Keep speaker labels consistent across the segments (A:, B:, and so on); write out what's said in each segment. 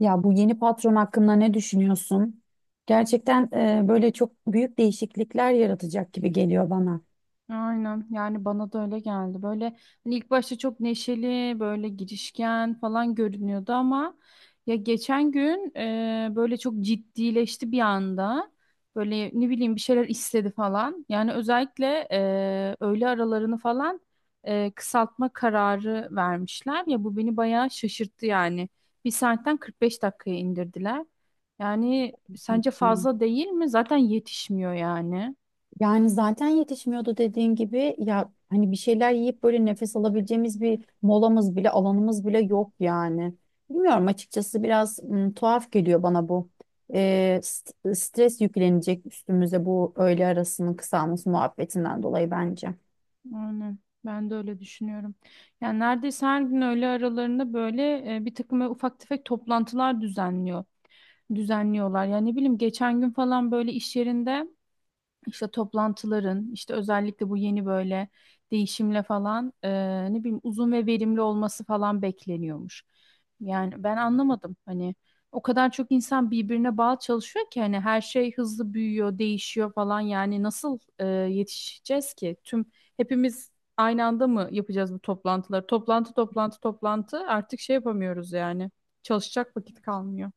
A: Ya bu yeni patron hakkında ne düşünüyorsun? Gerçekten böyle çok büyük değişiklikler yaratacak gibi geliyor bana.
B: Aynen yani bana da öyle geldi. Böyle hani ilk başta çok neşeli, böyle girişken falan görünüyordu ama ya geçen gün böyle çok ciddileşti bir anda. Böyle ne bileyim bir şeyler istedi falan. Yani özellikle öğle aralarını falan kısaltma kararı vermişler. Ya bu beni bayağı şaşırttı yani. Bir saatten 45 dakikaya indirdiler. Yani sence fazla değil mi? Zaten yetişmiyor yani.
A: Yani zaten yetişmiyordu dediğin gibi ya hani bir şeyler yiyip böyle nefes alabileceğimiz bir molamız bile alanımız bile yok yani. Bilmiyorum açıkçası biraz tuhaf geliyor bana bu. Stres yüklenecek üstümüze bu öğle arasının kısalması muhabbetinden dolayı bence.
B: Aynen. Ben de öyle düşünüyorum. Yani neredeyse her gün öğle aralarında böyle bir takım böyle ufak tefek toplantılar düzenliyor. Düzenliyorlar. Yani ne bileyim geçen gün falan böyle iş yerinde işte toplantıların işte özellikle bu yeni böyle değişimle falan ne bileyim uzun ve verimli olması falan bekleniyormuş. Yani ben anlamadım hani o kadar çok insan birbirine bağlı çalışıyor ki hani her şey hızlı büyüyor, değişiyor falan yani nasıl yetişeceğiz ki? Hepimiz aynı anda mı yapacağız bu toplantıları? Toplantı toplantı toplantı artık şey yapamıyoruz yani. Çalışacak vakit kalmıyor.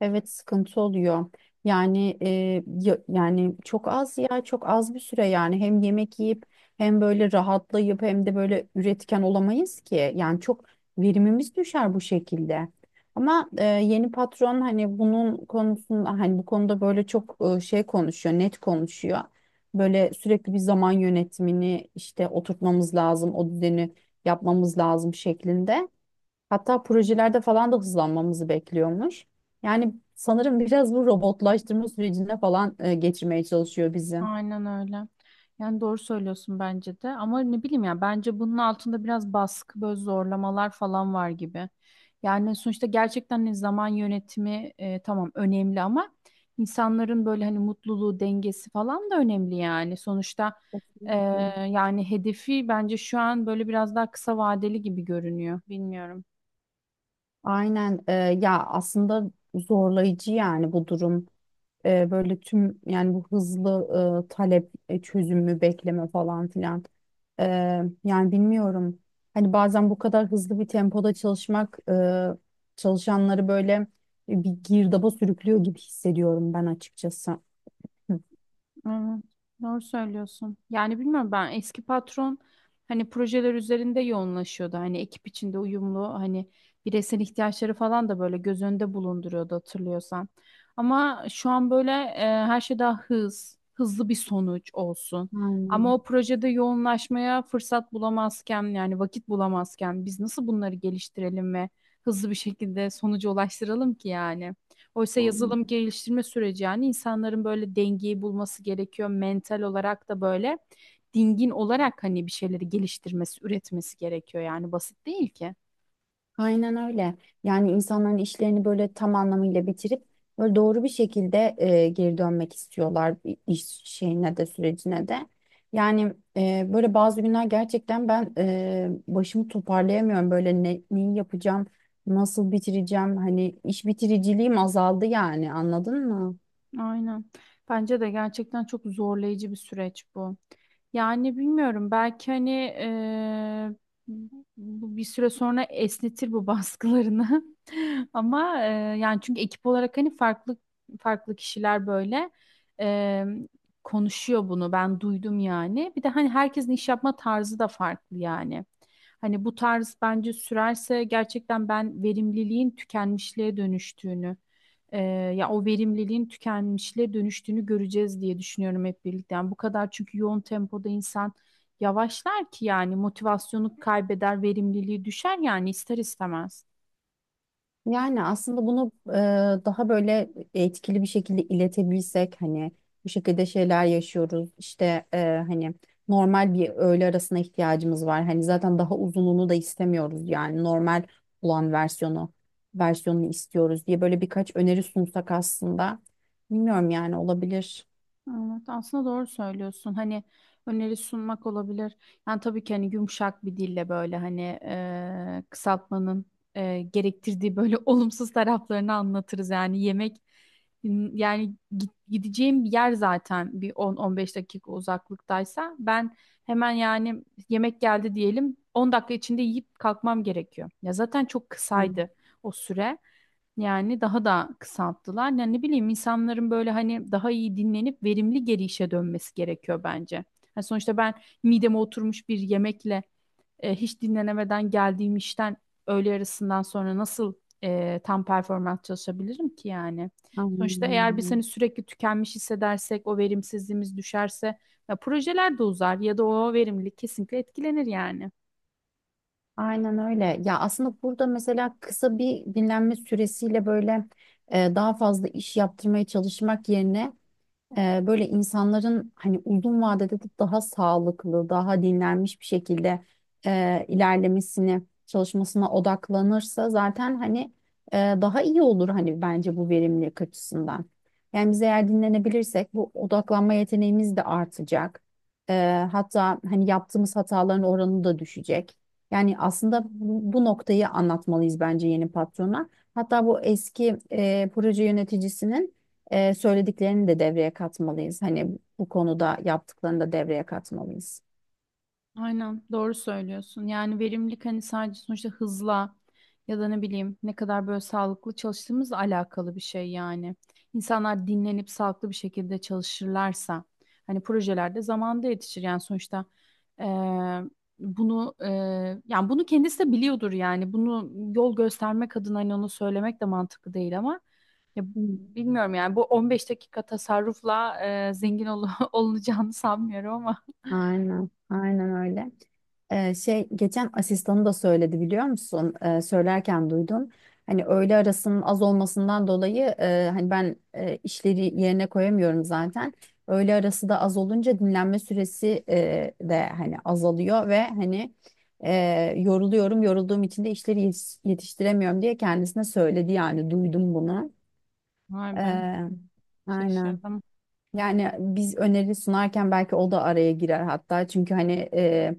A: Evet, sıkıntı oluyor. Yani e, Yani çok az, ya çok az bir süre. Yani hem yemek yiyip hem böyle rahatlayıp hem de böyle üretken olamayız ki. Yani çok verimimiz düşer bu şekilde. Ama yeni patron hani bunun konusunda hani bu konuda böyle çok konuşuyor, net konuşuyor. Böyle sürekli bir zaman yönetimini işte oturtmamız lazım, o düzeni yapmamız lazım şeklinde. Hatta projelerde falan da hızlanmamızı bekliyormuş. Yani sanırım biraz bu robotlaştırma sürecine falan geçirmeye çalışıyor bizi.
B: Aynen öyle. Yani doğru söylüyorsun bence de. Ama ne bileyim ya bence bunun altında biraz baskı, böyle zorlamalar falan var gibi. Yani sonuçta gerçekten hani zaman yönetimi tamam önemli ama insanların böyle hani mutluluğu, dengesi falan da önemli yani. Sonuçta e,
A: Kesinlikle.
B: yani hedefi bence şu an böyle biraz daha kısa vadeli gibi görünüyor. Bilmiyorum.
A: Aynen. Ya aslında zorlayıcı yani bu durum. Böyle tüm, yani bu hızlı talep, çözümü bekleme falan filan. E, Yani bilmiyorum. Hani bazen bu kadar hızlı bir tempoda çalışmak çalışanları böyle bir girdaba sürüklüyor gibi hissediyorum ben açıkçası. Hı.
B: Evet, doğru söylüyorsun. Yani bilmiyorum ben eski patron hani projeler üzerinde yoğunlaşıyordu. Hani ekip içinde uyumlu hani bireysel ihtiyaçları falan da böyle göz önünde bulunduruyordu hatırlıyorsan. Ama şu an böyle her şey daha hızlı bir sonuç olsun. Ama
A: Aynen.
B: o projede yoğunlaşmaya fırsat bulamazken yani vakit bulamazken biz nasıl bunları geliştirelim ve hızlı bir şekilde sonuca ulaştıralım ki yani? Oysa
A: Aynen.
B: yazılım geliştirme süreci yani insanların böyle dengeyi bulması gerekiyor. Mental olarak da böyle dingin olarak hani bir şeyleri geliştirmesi, üretmesi gerekiyor. Yani basit değil ki.
A: Aynen öyle. Yani insanların işlerini böyle tam anlamıyla bitirip böyle doğru bir şekilde geri dönmek istiyorlar iş şeyine de, sürecine de. Böyle bazı günler gerçekten ben başımı toparlayamıyorum. Böyle neyi yapacağım, nasıl bitireceğim? Hani iş bitiriciliğim azaldı yani, anladın mı?
B: Aynen. Bence de gerçekten çok zorlayıcı bir süreç bu. Yani bilmiyorum belki hani bu bir süre sonra esnetir bu baskılarını. Ama yani çünkü ekip olarak hani farklı farklı kişiler böyle eee, konuşuyor bunu. Ben duydum yani. Bir de hani herkesin iş yapma tarzı da farklı yani. Hani bu tarz bence sürerse gerçekten ben verimliliğin tükenmişliğe dönüştüğünü e, ya o verimliliğin tükenmişliğe dönüştüğünü göreceğiz diye düşünüyorum hep birlikte. Yani bu kadar çünkü yoğun tempoda insan yavaşlar ki yani motivasyonu kaybeder, verimliliği düşer yani ister istemez.
A: Yani aslında bunu daha böyle etkili bir şekilde iletebilsek, hani bu şekilde şeyler yaşıyoruz işte. Hani normal bir öğle arasına ihtiyacımız var. Hani zaten daha uzunluğunu da istemiyoruz, yani normal olan versiyonunu istiyoruz diye böyle birkaç öneri sunsak aslında, bilmiyorum yani, olabilir.
B: Evet, aslında doğru söylüyorsun. Hani öneri sunmak olabilir. Yani tabii ki hani yumuşak bir dille böyle hani kısaltmanın gerektirdiği böyle olumsuz taraflarını anlatırız. Yani yemek yani gideceğim bir yer zaten bir 10-15 dakika uzaklıktaysa ben hemen yani yemek geldi diyelim 10 dakika içinde yiyip kalkmam gerekiyor. Ya zaten çok
A: Hmm.
B: kısaydı o süre. Yani daha da kısalttılar. Yani ne bileyim insanların böyle hani daha iyi dinlenip verimli geri işe dönmesi gerekiyor bence. Yani sonuçta ben mideme oturmuş bir yemekle hiç dinlenemeden geldiğim işten öğle arasından sonra nasıl tam performans çalışabilirim ki yani? Sonuçta eğer biz hani
A: Aynen.
B: sürekli tükenmiş hissedersek o verimsizliğimiz düşerse ya projeler de uzar ya da o verimlilik kesinlikle etkilenir yani.
A: Aynen öyle. Ya aslında burada mesela kısa bir dinlenme süresiyle böyle daha fazla iş yaptırmaya çalışmak yerine böyle insanların hani uzun vadede de daha sağlıklı, daha dinlenmiş bir şekilde ilerlemesini, çalışmasına odaklanırsa zaten hani daha iyi olur hani, bence bu verimlilik açısından. Yani biz eğer dinlenebilirsek bu odaklanma yeteneğimiz de artacak. E, Hatta hani yaptığımız hataların oranı da düşecek. Yani aslında bu noktayı anlatmalıyız bence yeni patrona. Hatta bu eski proje yöneticisinin söylediklerini de devreye katmalıyız. Hani bu konuda yaptıklarını da devreye katmalıyız.
B: Aynen doğru söylüyorsun. Yani verimlilik hani sadece sonuçta hızla ya da ne bileyim ne kadar böyle sağlıklı çalıştığımızla alakalı bir şey yani. İnsanlar dinlenip sağlıklı bir şekilde çalışırlarsa hani projelerde zamanda yetişir yani sonuçta eee, bunu yani bunu kendisi de biliyordur yani bunu yol göstermek adına hani onu söylemek de mantıklı değil ama ya
A: Hı.
B: bilmiyorum yani bu 15 dakika tasarrufla zengin olunacağını sanmıyorum ama.
A: Aynen, aynen öyle. Şey, geçen asistanı da söyledi biliyor musun? Söylerken duydum. Hani öğle arasının az olmasından dolayı hani ben işleri yerine koyamıyorum zaten. Öğle arası da az olunca dinlenme süresi de hani azalıyor ve hani yoruluyorum. Yorulduğum için de işleri yetiştiremiyorum diye kendisine söyledi, yani duydum bunu.
B: Vay be
A: Ee, aynen.
B: şaşırdım.
A: Yani biz öneri sunarken belki o da araya girer hatta. Çünkü hani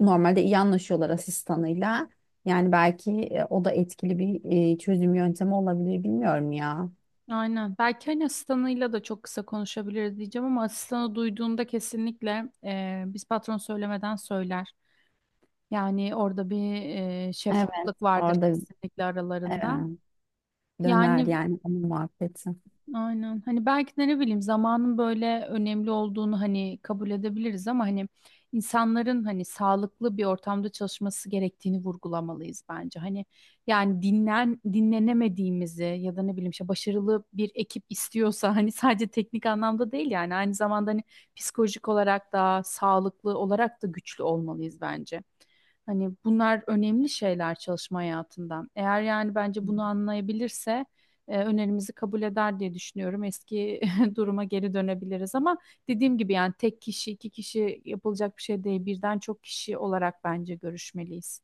A: normalde iyi anlaşıyorlar asistanıyla. Yani belki o da etkili bir çözüm yöntemi olabilir, bilmiyorum ya.
B: Aynen. Belki hani asistanıyla da çok kısa konuşabiliriz diyeceğim ama asistanı duyduğunda kesinlikle biz patron söylemeden söyler. Yani orada bir
A: Evet.
B: şeffaflık vardır
A: Orada
B: kesinlikle
A: e,
B: aralarında.
A: döner
B: Yani
A: yani onun muhabbeti.
B: aynen. Hani belki de ne bileyim zamanın böyle önemli olduğunu hani kabul edebiliriz ama hani insanların hani sağlıklı bir ortamda çalışması gerektiğini vurgulamalıyız bence. Hani yani dinlenemediğimizi ya da ne bileyim işte başarılı bir ekip istiyorsa hani sadece teknik anlamda değil yani aynı zamanda hani psikolojik olarak da sağlıklı olarak da güçlü olmalıyız bence. Hani bunlar önemli şeyler çalışma hayatından. Eğer yani bence bunu anlayabilirse önerimizi kabul eder diye düşünüyorum. Eski duruma geri dönebiliriz ama dediğim gibi yani tek kişi, iki kişi yapılacak bir şey değil. Birden çok kişi olarak bence görüşmeliyiz.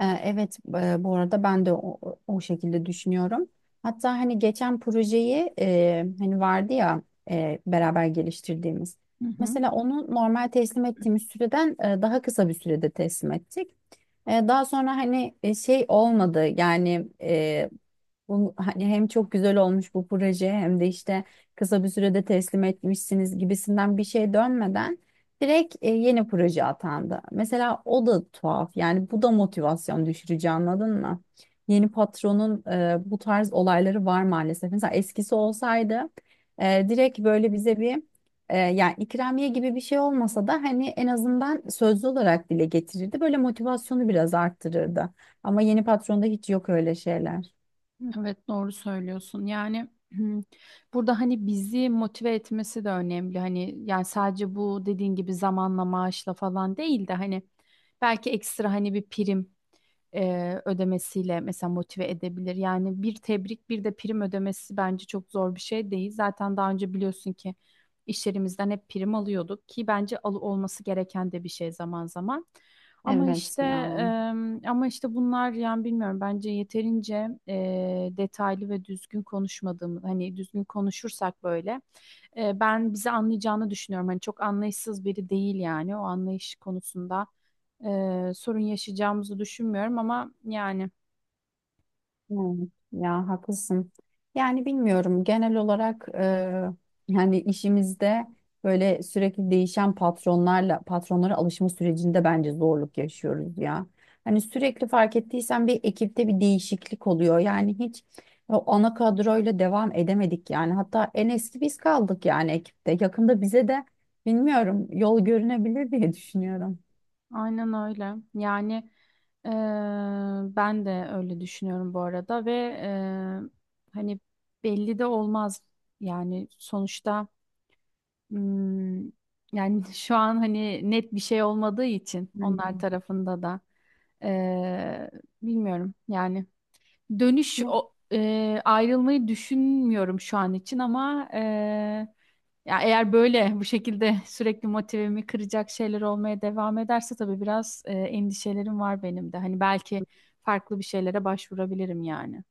A: Evet, bu arada ben de o şekilde düşünüyorum. Hatta hani geçen projeyi hani vardı ya, beraber geliştirdiğimiz.
B: Hı hı.
A: Mesela onu normal teslim ettiğimiz süreden daha kısa bir sürede teslim ettik. Daha sonra hani şey olmadı yani hani hem çok güzel olmuş bu proje, hem de işte kısa bir sürede teslim etmişsiniz gibisinden bir şey dönmeden direkt yeni proje atandı. Mesela o da tuhaf yani, bu da motivasyon düşürücü, anladın mı? Yeni patronun bu tarz olayları var maalesef. Mesela eskisi olsaydı direkt böyle bize bir yani ikramiye gibi bir şey olmasa da hani en azından sözlü olarak dile getirirdi. Böyle motivasyonu biraz arttırırdı. Ama yeni patronda hiç yok öyle şeyler.
B: Evet, doğru söylüyorsun. Yani burada hani bizi motive etmesi de önemli. Hani yani sadece bu dediğin gibi zamanla maaşla falan değil de hani belki ekstra hani bir prim ödemesiyle mesela motive edebilir. Yani bir tebrik bir de prim ödemesi bence çok zor bir şey değil. Zaten daha önce biliyorsun ki işlerimizden hep prim alıyorduk ki bence al olması gereken de bir şey zaman zaman. Ama
A: Evet
B: işte
A: ya.
B: ama işte bunlar yani bilmiyorum bence yeterince detaylı ve düzgün konuşmadığımı hani düzgün konuşursak böyle ben bizi anlayacağını düşünüyorum. Hani çok anlayışsız biri değil yani o anlayış konusunda sorun yaşayacağımızı düşünmüyorum ama yani
A: Evet, ya haklısın. Yani bilmiyorum, genel olarak yani işimizde böyle sürekli değişen patronlara alışma sürecinde bence zorluk yaşıyoruz ya. Hani sürekli, fark ettiysen, bir ekipte bir değişiklik oluyor. Yani hiç o ana kadroyla devam edemedik yani. Hatta en eski biz kaldık yani ekipte. Yakında bize de bilmiyorum, yol görünebilir diye düşünüyorum.
B: aynen öyle. Yani e, ben de öyle düşünüyorum bu arada ve hani belli de olmaz yani sonuçta. Hmm, yani şu an hani net bir şey olmadığı için onlar
A: Yani,
B: tarafında da eee, bilmiyorum yani
A: ne?
B: ayrılmayı düşünmüyorum şu an için ama ya eğer böyle bu şekilde sürekli motivemi kıracak şeyler olmaya devam ederse tabii biraz endişelerim var benim de hani belki farklı bir şeylere başvurabilirim yani.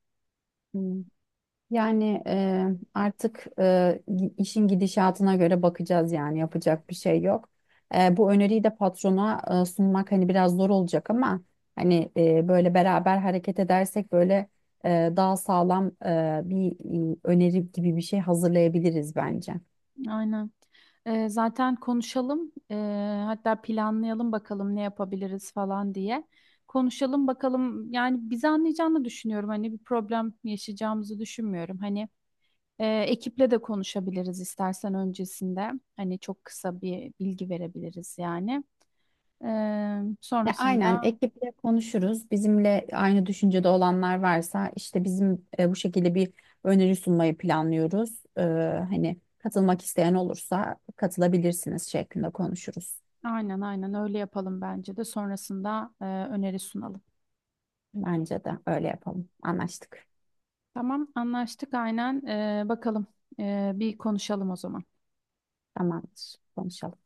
A: Yani e, Artık işin gidişatına göre bakacağız, yani yapacak bir şey yok. Bu öneriyi de patrona sunmak hani biraz zor olacak ama hani böyle beraber hareket edersek böyle daha sağlam bir öneri gibi bir şey hazırlayabiliriz bence.
B: Aynen. Zaten konuşalım. Hatta planlayalım bakalım ne yapabiliriz falan diye. Konuşalım bakalım. Yani bizi anlayacağını düşünüyorum. Hani bir problem yaşayacağımızı düşünmüyorum. Hani ekiple de konuşabiliriz istersen öncesinde. Hani çok kısa bir bilgi verebiliriz yani.
A: Ya aynen,
B: Sonrasında
A: ekiple konuşuruz. Bizimle aynı düşüncede olanlar varsa, işte bizim bu şekilde bir öneri sunmayı planlıyoruz, hani katılmak isteyen olursa katılabilirsiniz şeklinde konuşuruz.
B: aynen öyle yapalım bence de. Sonrasında öneri sunalım.
A: Bence de öyle yapalım. Anlaştık.
B: Tamam anlaştık aynen. Bakalım. Bir konuşalım o zaman.
A: Tamamdır. Konuşalım.